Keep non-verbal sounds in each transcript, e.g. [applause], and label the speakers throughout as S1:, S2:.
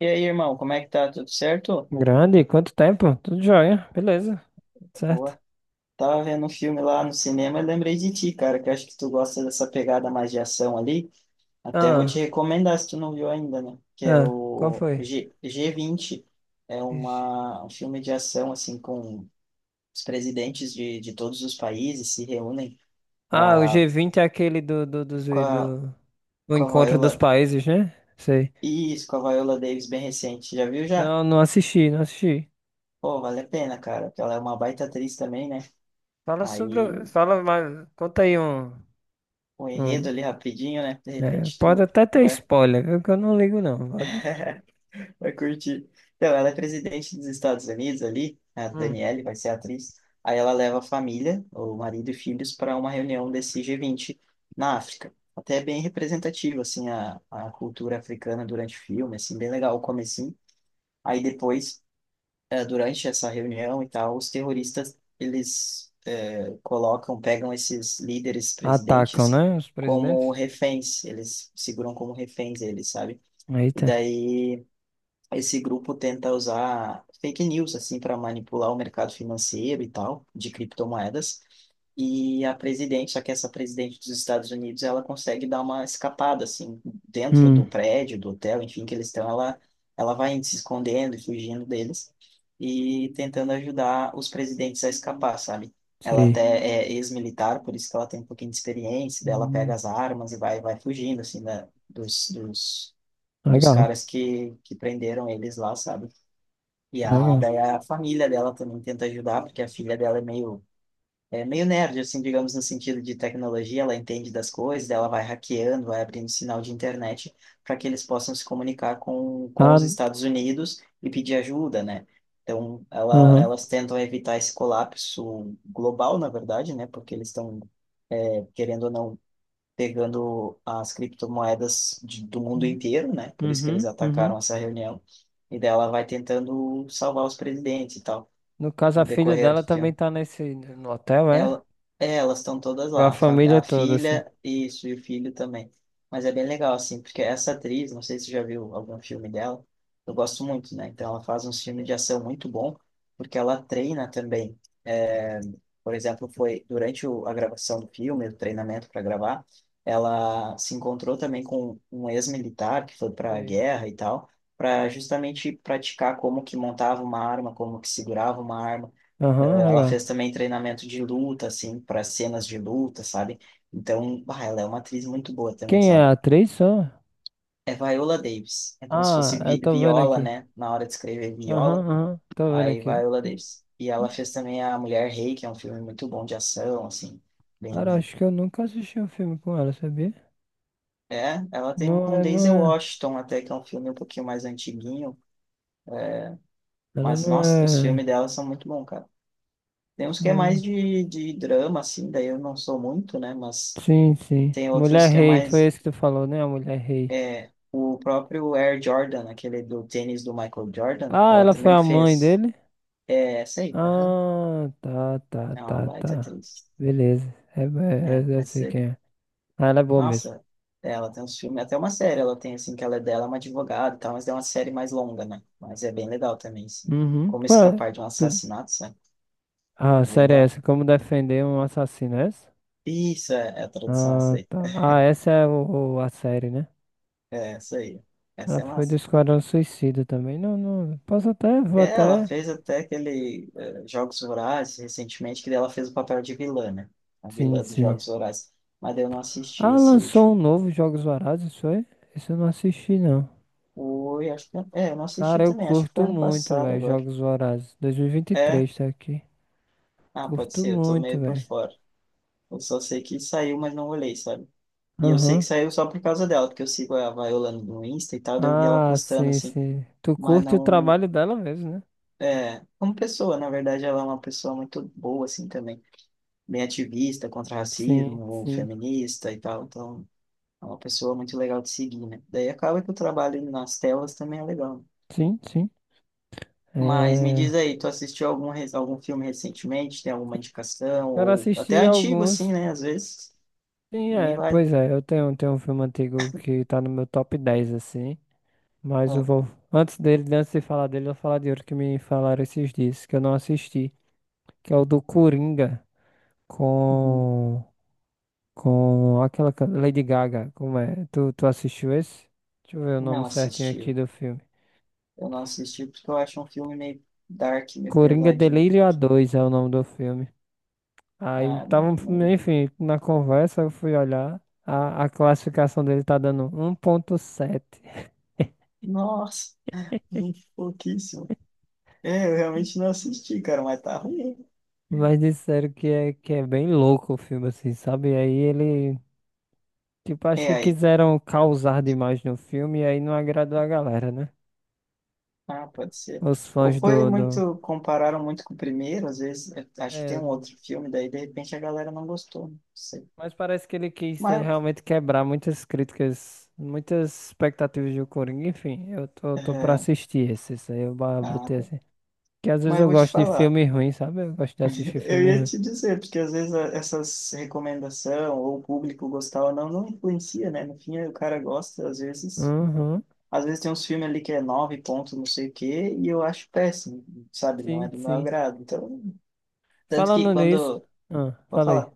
S1: E aí, irmão, como é que tá? Tudo certo?
S2: Grande, quanto tempo? Tudo jóia, beleza, certo?
S1: Boa. Tava vendo um filme lá no cinema e lembrei de ti, cara, que eu acho que tu gosta dessa pegada mais de ação ali. Até vou
S2: Ah,
S1: te recomendar se tu não viu ainda, né? Que é
S2: ah, qual
S1: o
S2: foi?
S1: G G20. É
S2: Ixi.
S1: um filme de ação, assim, com os presidentes de todos os países se reúnem
S2: Ah, o
S1: pra,
S2: G20 é aquele do, do, dos-
S1: com
S2: do, do,
S1: com a
S2: encontro
S1: Viola...
S2: dos países, né? Sei.
S1: Isso, com a Viola Davis bem recente. Já viu já?
S2: Não, não assisti, não assisti.
S1: Pô, vale a pena, cara, porque ela é uma baita atriz também, né?
S2: Fala sobre,
S1: Aí
S2: fala mais, conta aí um,
S1: um enredo
S2: um,
S1: ali rapidinho, né? De
S2: né?
S1: repente
S2: Pode
S1: tu
S2: até ter
S1: vai,
S2: spoiler, viu? Que eu não ligo não, pode.
S1: vai curtir. Então, ela é presidente dos Estados Unidos ali, a
S2: Hum.
S1: Danielle vai ser a atriz. Aí ela leva a família, o marido e filhos, para uma reunião desse G20 na África. Até é bem representativo, assim, a cultura africana durante o filme, assim, bem legal o comecinho. Aí depois durante essa reunião e tal, os terroristas, eles colocam, pegam esses líderes
S2: Atacam,
S1: presidentes
S2: né, os presidentes?
S1: como reféns, eles seguram como reféns eles, sabe? E
S2: Eita.
S1: daí esse grupo tenta usar fake news, assim, para manipular o mercado financeiro e tal, de criptomoedas, e a presidente, só que essa presidente dos Estados Unidos, ela consegue dar uma escapada, assim, dentro
S2: Hum,
S1: do prédio, do hotel, enfim, que eles estão, ela vai se escondendo e fugindo deles e tentando ajudar os presidentes a escapar, sabe? Ela
S2: sei.
S1: até é ex-militar, por isso que ela tem um pouquinho de experiência, daí ela pega
S2: Hum,
S1: as armas e vai fugindo, assim, da, dos
S2: legal,
S1: caras que prenderam eles lá, sabe? E a,
S2: legal.
S1: daí a família dela também tenta ajudar, porque a filha dela é meio nerd, assim, digamos, no sentido de tecnologia, ela entende das coisas, daí ela vai hackeando, vai abrindo sinal de internet para que eles possam se comunicar com
S2: Ah,
S1: os Estados Unidos e pedir ajuda, né? Então, ela,
S2: aham.
S1: elas tentam evitar esse colapso global, na verdade, né? Porque eles estão, é, querendo ou não, pegando as criptomoedas do mundo inteiro, né? Por isso que eles
S2: Uhum, uhum.
S1: atacaram essa reunião. E daí ela vai tentando salvar os presidentes e tal,
S2: No caso,
S1: no
S2: a filha
S1: decorrer do
S2: dela também
S1: filme.
S2: tá nesse no hotel, é?
S1: Ela, é, elas estão todas
S2: Com a
S1: lá, a,
S2: família
S1: a
S2: toda, assim.
S1: filha isso, e o filho também. Mas é bem legal, assim, porque essa atriz, não sei se você já viu algum filme dela, eu gosto muito, né? Então ela faz uns filmes de ação muito bom, porque ela treina também. É, por exemplo, foi durante a gravação do filme, o treinamento para gravar, ela se encontrou também com um ex-militar que foi para a
S2: Sei.
S1: guerra e tal, para justamente praticar como que montava uma arma, como que segurava uma arma
S2: Aham,
S1: ela
S2: legal.
S1: fez também treinamento de luta, assim, para cenas de luta, sabe? Então, bah, ela é uma atriz muito boa também,
S2: Quem é a
S1: sabe?
S2: atriz só?
S1: É Viola Davis. É como se
S2: Ah,
S1: fosse
S2: eu
S1: vi
S2: tô vendo
S1: Viola,
S2: aqui.
S1: né? Na hora de escrever
S2: Aham,
S1: Viola,
S2: aham, tô vendo
S1: aí
S2: aqui.
S1: Viola Davis. E ela
S2: Hum.
S1: fez também A Mulher Rei, que é um filme muito bom de ação, assim,
S2: Cara,
S1: bem...
S2: acho que eu nunca assisti um filme com ela, sabia?
S1: É, ela tem um
S2: Não
S1: com
S2: é, não
S1: Daisy
S2: é.
S1: Washington até, que é um filme um pouquinho mais antiguinho.
S2: Ela
S1: Mas,
S2: não
S1: nossa, os
S2: é.
S1: filmes dela são muito bons, cara. Tem uns que é
S2: Não.
S1: mais de drama, assim, daí eu não sou muito, né? Mas
S2: Sim, sim.
S1: tem outros
S2: Mulher
S1: que é
S2: Rei, foi
S1: mais.
S2: esse que tu falou, né? A Mulher Rei.
S1: É, o próprio Air Jordan, aquele do tênis do Michael Jordan,
S2: Ah,
S1: ela
S2: ela foi
S1: também
S2: a mãe
S1: fez.
S2: dele?
S1: É, essa aí, aham.
S2: Ah, tá, tá,
S1: É uma
S2: tá,
S1: baita
S2: tá.
S1: atriz.
S2: Beleza. É,
S1: É,
S2: é, é- eu
S1: essa
S2: sei
S1: aí.
S2: quem é. Ah, ela é boa mesmo.
S1: Nossa, ela tem uns filmes, até uma série ela tem, assim, que ela é dela, é uma advogada e tal, mas é uma série mais longa, né? Mas é bem legal também, assim.
S2: Uhum.
S1: Como
S2: Qual é?
S1: escapar de um
S2: Tu-
S1: assassinato, sabe?
S2: Ah, a
S1: É bem
S2: série
S1: da
S2: é
S1: hora.
S2: essa? Como defender um assassino, é essa?
S1: Isso, é, é a tradução, essa
S2: Ah,
S1: aí.
S2: tá. Ah, essa é a série, né?
S1: É, essa aí.
S2: Ela
S1: Essa é
S2: foi do
S1: massa, tá?
S2: Esquadrão Suicida também. Não, não. Posso até, vou
S1: É, ela
S2: até.
S1: fez até aquele Jogos Vorazes recentemente, que daí ela fez o papel de vilã, né? A
S2: Sim,
S1: vilã dos
S2: sim.
S1: Jogos Vorazes. Mas daí eu não assisti
S2: Ah,
S1: esse último.
S2: lançou um novo Jogos Vorazes, isso foi? Isso eu não assisti, não.
S1: Oi, acho que... É, eu não assisti
S2: Cara, eu
S1: também, acho que foi
S2: curto
S1: ano
S2: muito,
S1: passado
S2: velho,
S1: agora.
S2: Jogos Vorazes. dois mil e vinte e
S1: É?
S2: três tá aqui.
S1: Ah, pode
S2: Curto
S1: ser, eu tô
S2: muito,
S1: meio por
S2: velho.
S1: fora. Eu só sei que saiu, mas não olhei, sabe? E eu sei que
S2: Aham.
S1: saiu só por causa dela, porque eu sigo a Viola no Insta e tal, daí eu vi ela
S2: Ah,
S1: postando,
S2: sim,
S1: assim.
S2: sim. Tu
S1: Mas
S2: curte o
S1: não...
S2: trabalho dela mesmo, né?
S1: É, como pessoa, na verdade, ela é uma pessoa muito boa, assim, também. Bem ativista contra
S2: Sim,
S1: racismo,
S2: sim.
S1: feminista e tal. Então, é uma pessoa muito legal de seguir, né? Daí acaba que o trabalho nas telas também é legal.
S2: Sim, sim.
S1: Mas me
S2: É...
S1: diz aí, tu assistiu algum, algum filme recentemente? Tem alguma indicação?
S2: Cara,
S1: Ou até
S2: assisti
S1: antigo, assim,
S2: alguns.
S1: né? Às vezes
S2: Sim,
S1: também
S2: é.
S1: vai.
S2: Pois é, eu tenho um filme antigo que tá no meu top 10, assim. Mas eu
S1: Ah,
S2: vou. Antes dele, antes de falar dele, eu vou falar de outro que me falaram esses dias, que eu não assisti. Que é o do Coringa
S1: uhum.
S2: com. Com aquela Lady Gaga. Como é? Tu assistiu esse? Deixa eu ver o nome
S1: Não
S2: certinho
S1: assisti.
S2: aqui do filme.
S1: Eu não assisti porque eu acho um filme meio dark, meio
S2: Coringa
S1: pesadinho.
S2: Delírio A2 é o nome do filme. Aí
S1: Ah,
S2: tava,
S1: não, não vi.
S2: enfim, na conversa eu fui olhar. A classificação dele tá dando 1.7.
S1: Nossa, pouquíssimo. É, eu
S2: [laughs]
S1: realmente não assisti, cara, mas tá ruim.
S2: Mas disseram que é bem louco o filme, assim, sabe? E aí ele, tipo, acho que
S1: É,
S2: quiseram causar demais no filme e aí não agradou a galera, né?
S1: ah, pode ser.
S2: Os
S1: Ou
S2: fãs
S1: foi
S2: do.
S1: muito, compararam muito com o primeiro, às vezes, eu acho que tem
S2: É,
S1: um outro filme, daí de repente a galera não gostou, não sei.
S2: mas parece que ele quis
S1: Mas,
S2: realmente quebrar muitas críticas, muitas expectativas do Coringa. Enfim, eu tô pra
S1: é,
S2: assistir esse, isso aí eu
S1: ah,
S2: botei
S1: tá.
S2: assim. Que às vezes
S1: Mas eu
S2: eu
S1: vou te
S2: gosto de
S1: falar,
S2: filme ruim, sabe? Eu gosto de assistir
S1: [laughs] eu
S2: filme
S1: ia
S2: ruim.
S1: te dizer, porque às vezes essas recomendação ou o público gostar ou não, não influencia, né? No fim, o cara gosta,
S2: Uhum.
S1: às vezes tem uns filmes ali que é nove pontos, não sei o quê, e eu acho péssimo, sabe? Não é
S2: Sim,
S1: do meu
S2: sim.
S1: agrado. Então, tanto que
S2: Falando nisso.
S1: quando,
S2: Ah,
S1: vou
S2: fala aí.
S1: falar.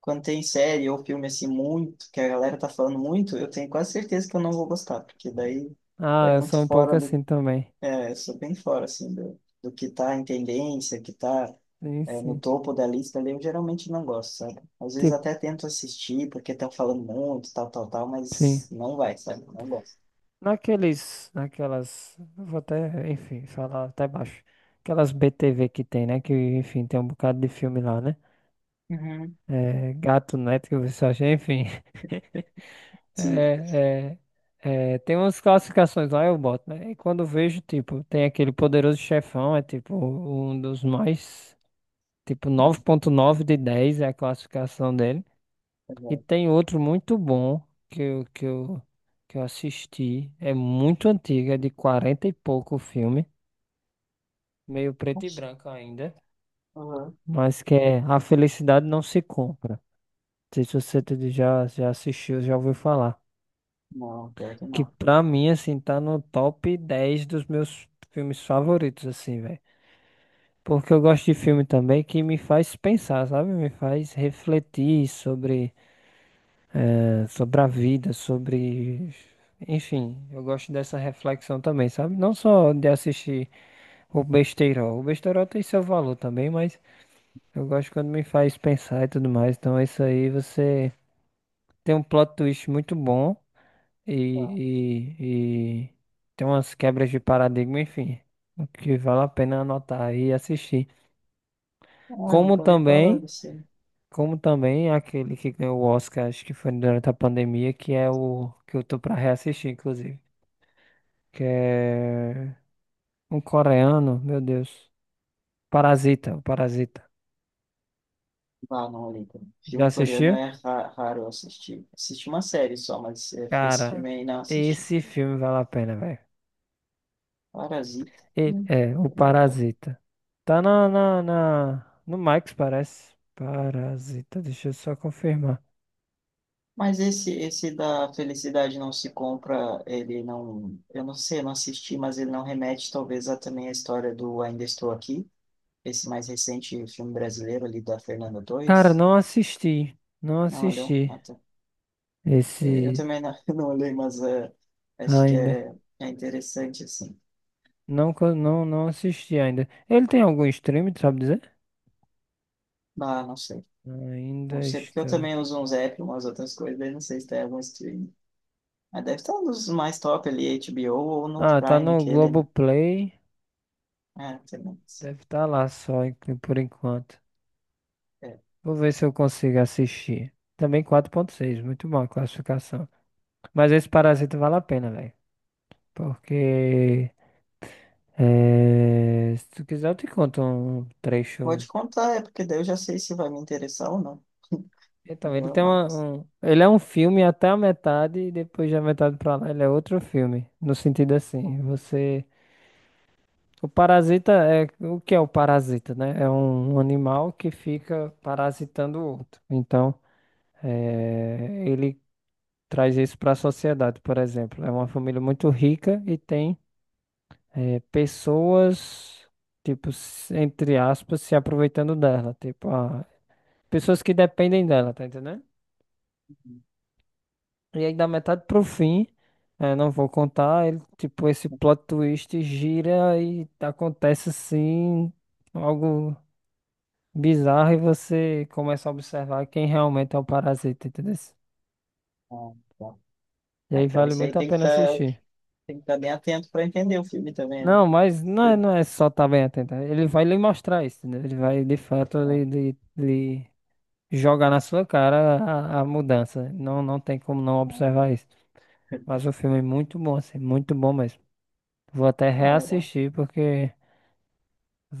S1: Quando tem série ou filme assim muito, que a galera tá falando muito, eu tenho quase certeza que eu não vou gostar, porque daí
S2: Ah,
S1: é
S2: eu sou
S1: muito
S2: um
S1: fora
S2: pouco
S1: do.
S2: assim também.
S1: É, eu sou bem fora, assim, do, do que tá em tendência, que tá
S2: Sim,
S1: é, no
S2: sim.
S1: topo da lista ali, eu geralmente não gosto, sabe? Às vezes
S2: Tipo,
S1: até tento assistir, porque estão falando muito, tal, tal, tal,
S2: sim.
S1: mas não vai, sabe? Não gosto.
S2: Naquelas, eu vou até, enfim, falar até baixo. Aquelas BTV que tem, né? Que, enfim, tem um bocado de filme lá, né?
S1: Uhum.
S2: É, Gato Net, que você acha, enfim. [laughs]
S1: Sim.
S2: É, é, tem umas classificações lá, eu boto, né? E quando eu vejo, tipo, tem aquele poderoso chefão, é tipo um dos mais, tipo, 9.9 de 10 é a classificação dele. E tem outro muito bom que eu, que eu, que eu assisti, é muito antigo, é de 40 e pouco o filme, meio preto e branco ainda,
S1: Aham.
S2: mas que é A Felicidade Não Se Compra. Não sei se você já assistiu, já ouviu falar.
S1: Não, pior que
S2: Que
S1: não.
S2: pra mim, assim, tá no top 10 dos meus filmes favoritos, assim, velho. Porque eu gosto de filme também que me faz pensar, sabe? Me faz refletir sobre, sobre a vida, sobre. Enfim, eu gosto dessa reflexão também, sabe? Não só de assistir o besteirol. O besteirol tem seu valor também, mas eu gosto quando me faz pensar e tudo mais. Então, isso aí você tem um plot twist muito bom.
S1: Ah,
S2: E tem umas quebras de paradigma, enfim, o que vale a pena anotar e assistir.
S1: eu
S2: Como
S1: nunca ouvi falar
S2: também,
S1: desse.
S2: como também aquele que ganhou o Oscar, acho que foi durante a pandemia, que é o que eu tô pra reassistir, inclusive, que é um coreano, meu Deus, Parasita, o Parasita.
S1: Ah, não olhei, cara.
S2: Já
S1: Filme coreano
S2: assistiu?
S1: é raro assistir. Assisti uma série só, mas é, esse
S2: Cara,
S1: filme aí não assisti.
S2: esse filme vale a pena, velho.
S1: Parasita.
S2: E-
S1: Hum.
S2: é, o Parasita. Tá no Max, parece. Parasita, deixa eu só confirmar.
S1: Mas esse da Felicidade Não Se Compra, ele não. Eu não sei, eu não assisti, mas ele não remete talvez a também a história do Ainda Estou Aqui, esse mais recente filme brasileiro ali da Fernanda
S2: Cara,
S1: Torres.
S2: não assisti. Não
S1: Não olhou?
S2: assisti
S1: Ah, tá. Eu
S2: esse
S1: também não, [laughs] não olhei, mas é, acho que
S2: ainda.
S1: é, é interessante assim.
S2: Não, não, não assisti ainda. Ele tem algum stream, tu sabe dizer?
S1: Ah, não sei. Não
S2: Ainda
S1: sei porque eu
S2: está.
S1: também uso uns apps, umas outras coisas, daí não sei se tem algum streaming. Mas deve estar nos mais top ali, HBO ou no
S2: Ah, tá
S1: Prime
S2: no
S1: aquele, né?
S2: Globoplay.
S1: É, também, sim.
S2: Deve estar lá só por enquanto.
S1: É.
S2: Vou ver se eu consigo assistir. Também 4.6 muito bom a classificação. Mas esse Parasita vale a pena, velho. Porque é, se tu quiser, eu te conto um trecho.
S1: Pode contar, é porque daí eu já sei se vai me interessar ou não.
S2: Então,
S1: Vou amar.
S2: ele é um filme até a metade e depois da metade pra lá ele é outro filme. No sentido assim,
S1: Uhum.
S2: você, o parasita é o que é o parasita, né? É um animal que fica parasitando o outro. Então, ele traz isso para a sociedade, por exemplo. É uma família muito rica e tem pessoas, tipo, entre aspas, se aproveitando dela. Tipo, ah, pessoas que dependem dela, tá entendendo? E aí, da metade pro fim, não vou contar, ele, tipo, esse plot twist gira e acontece assim, algo bizarro e você começa a observar quem realmente é o parasita, entendeu?
S1: Ah, tá.
S2: E
S1: Ah,
S2: aí
S1: então
S2: vale
S1: esse aí
S2: muito a
S1: tem que
S2: pena
S1: estar
S2: assistir.
S1: tem que tá bem atento para entender o filme também, né?
S2: Não, mas não é só estar bem atento. Ele vai lhe mostrar isso, né? Ele vai, de fato,
S1: Ah,
S2: lhe, jogar na sua cara a mudança. Não, não tem como não
S1: tá.
S2: observar isso. Mas
S1: [laughs]
S2: o filme é muito bom, assim, muito bom mesmo. Vou até
S1: Ah,
S2: reassistir porque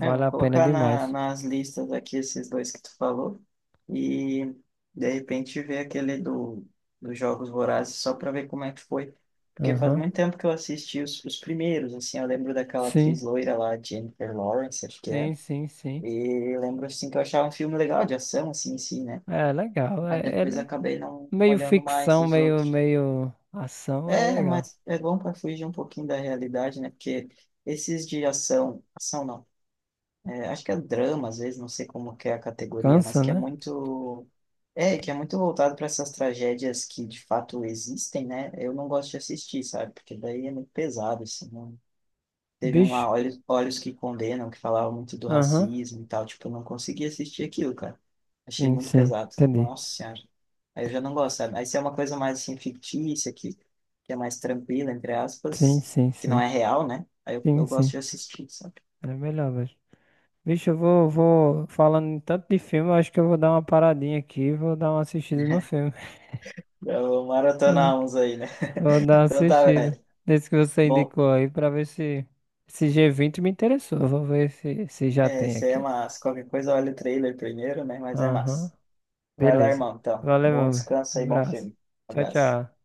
S1: é, eu vou
S2: a pena
S1: colocar
S2: demais.
S1: nas listas aqui esses dois que tu falou e de repente ver aquele do, dos Jogos Vorazes só para ver como é que foi. Porque faz
S2: Aham.
S1: muito tempo que eu assisti os primeiros, assim, eu lembro daquela atriz
S2: Sim,
S1: loira lá, Jennifer Lawrence, acho que é.
S2: sim, sim, sim.
S1: E lembro, assim, que eu achava um filme legal de ação, assim, em si, né?
S2: É legal. É,
S1: Mas
S2: ele
S1: depois
S2: é
S1: acabei não
S2: meio
S1: olhando mais
S2: ficção,
S1: os
S2: meio,
S1: outros.
S2: meio ação, é
S1: É,
S2: legal.
S1: mas é bom para fugir um pouquinho da realidade, né? Porque esses de ação, ação não. É, acho que é drama, às vezes, não sei como que é a categoria, mas
S2: Cansa,
S1: que é
S2: né?
S1: muito. É, que é muito voltado para essas tragédias que de fato existem, né? Eu não gosto de assistir, sabe? Porque daí é muito pesado, assim. Não... Teve um
S2: Bicho.
S1: lá, Olhos, Olhos que Condenam, que falava muito do
S2: Aham.
S1: racismo e tal. Tipo, eu não consegui assistir aquilo, cara. Achei
S2: Sim,
S1: muito
S2: sim.
S1: pesado.
S2: Entendi.
S1: Nossa Senhora. Aí eu já não gosto, sabe? Aí se é uma coisa mais, assim, fictícia, que é mais tranquila, entre
S2: Sim,
S1: aspas,
S2: sim,
S1: que não
S2: sim.
S1: é real, né? Aí
S2: Sim,
S1: eu gosto
S2: sim.
S1: de assistir, sabe?
S2: Era melhor, velho. Vixe, eu vou falando em tanto de filme, eu acho que eu vou dar uma paradinha aqui, e vou dar uma assistida no filme. [laughs]
S1: Eu
S2: Vou
S1: maratonamos aí, né?
S2: vou
S1: [laughs]
S2: dar uma
S1: Então tá,
S2: assistida
S1: velho.
S2: nesse que você
S1: Bom,
S2: indicou aí pra ver se esse G20 me interessou. Vou ver se já
S1: é,
S2: tem
S1: isso aí é
S2: aqui.
S1: massa. Qualquer coisa, olha o trailer primeiro, né? Mas é
S2: Aham,
S1: massa. Vai lá,
S2: beleza.
S1: irmão, então.
S2: Valeu,
S1: Bom
S2: meu.
S1: descanso
S2: Um
S1: aí, bom
S2: abraço.
S1: filme.
S2: Tchau,
S1: Abraço.
S2: tchau.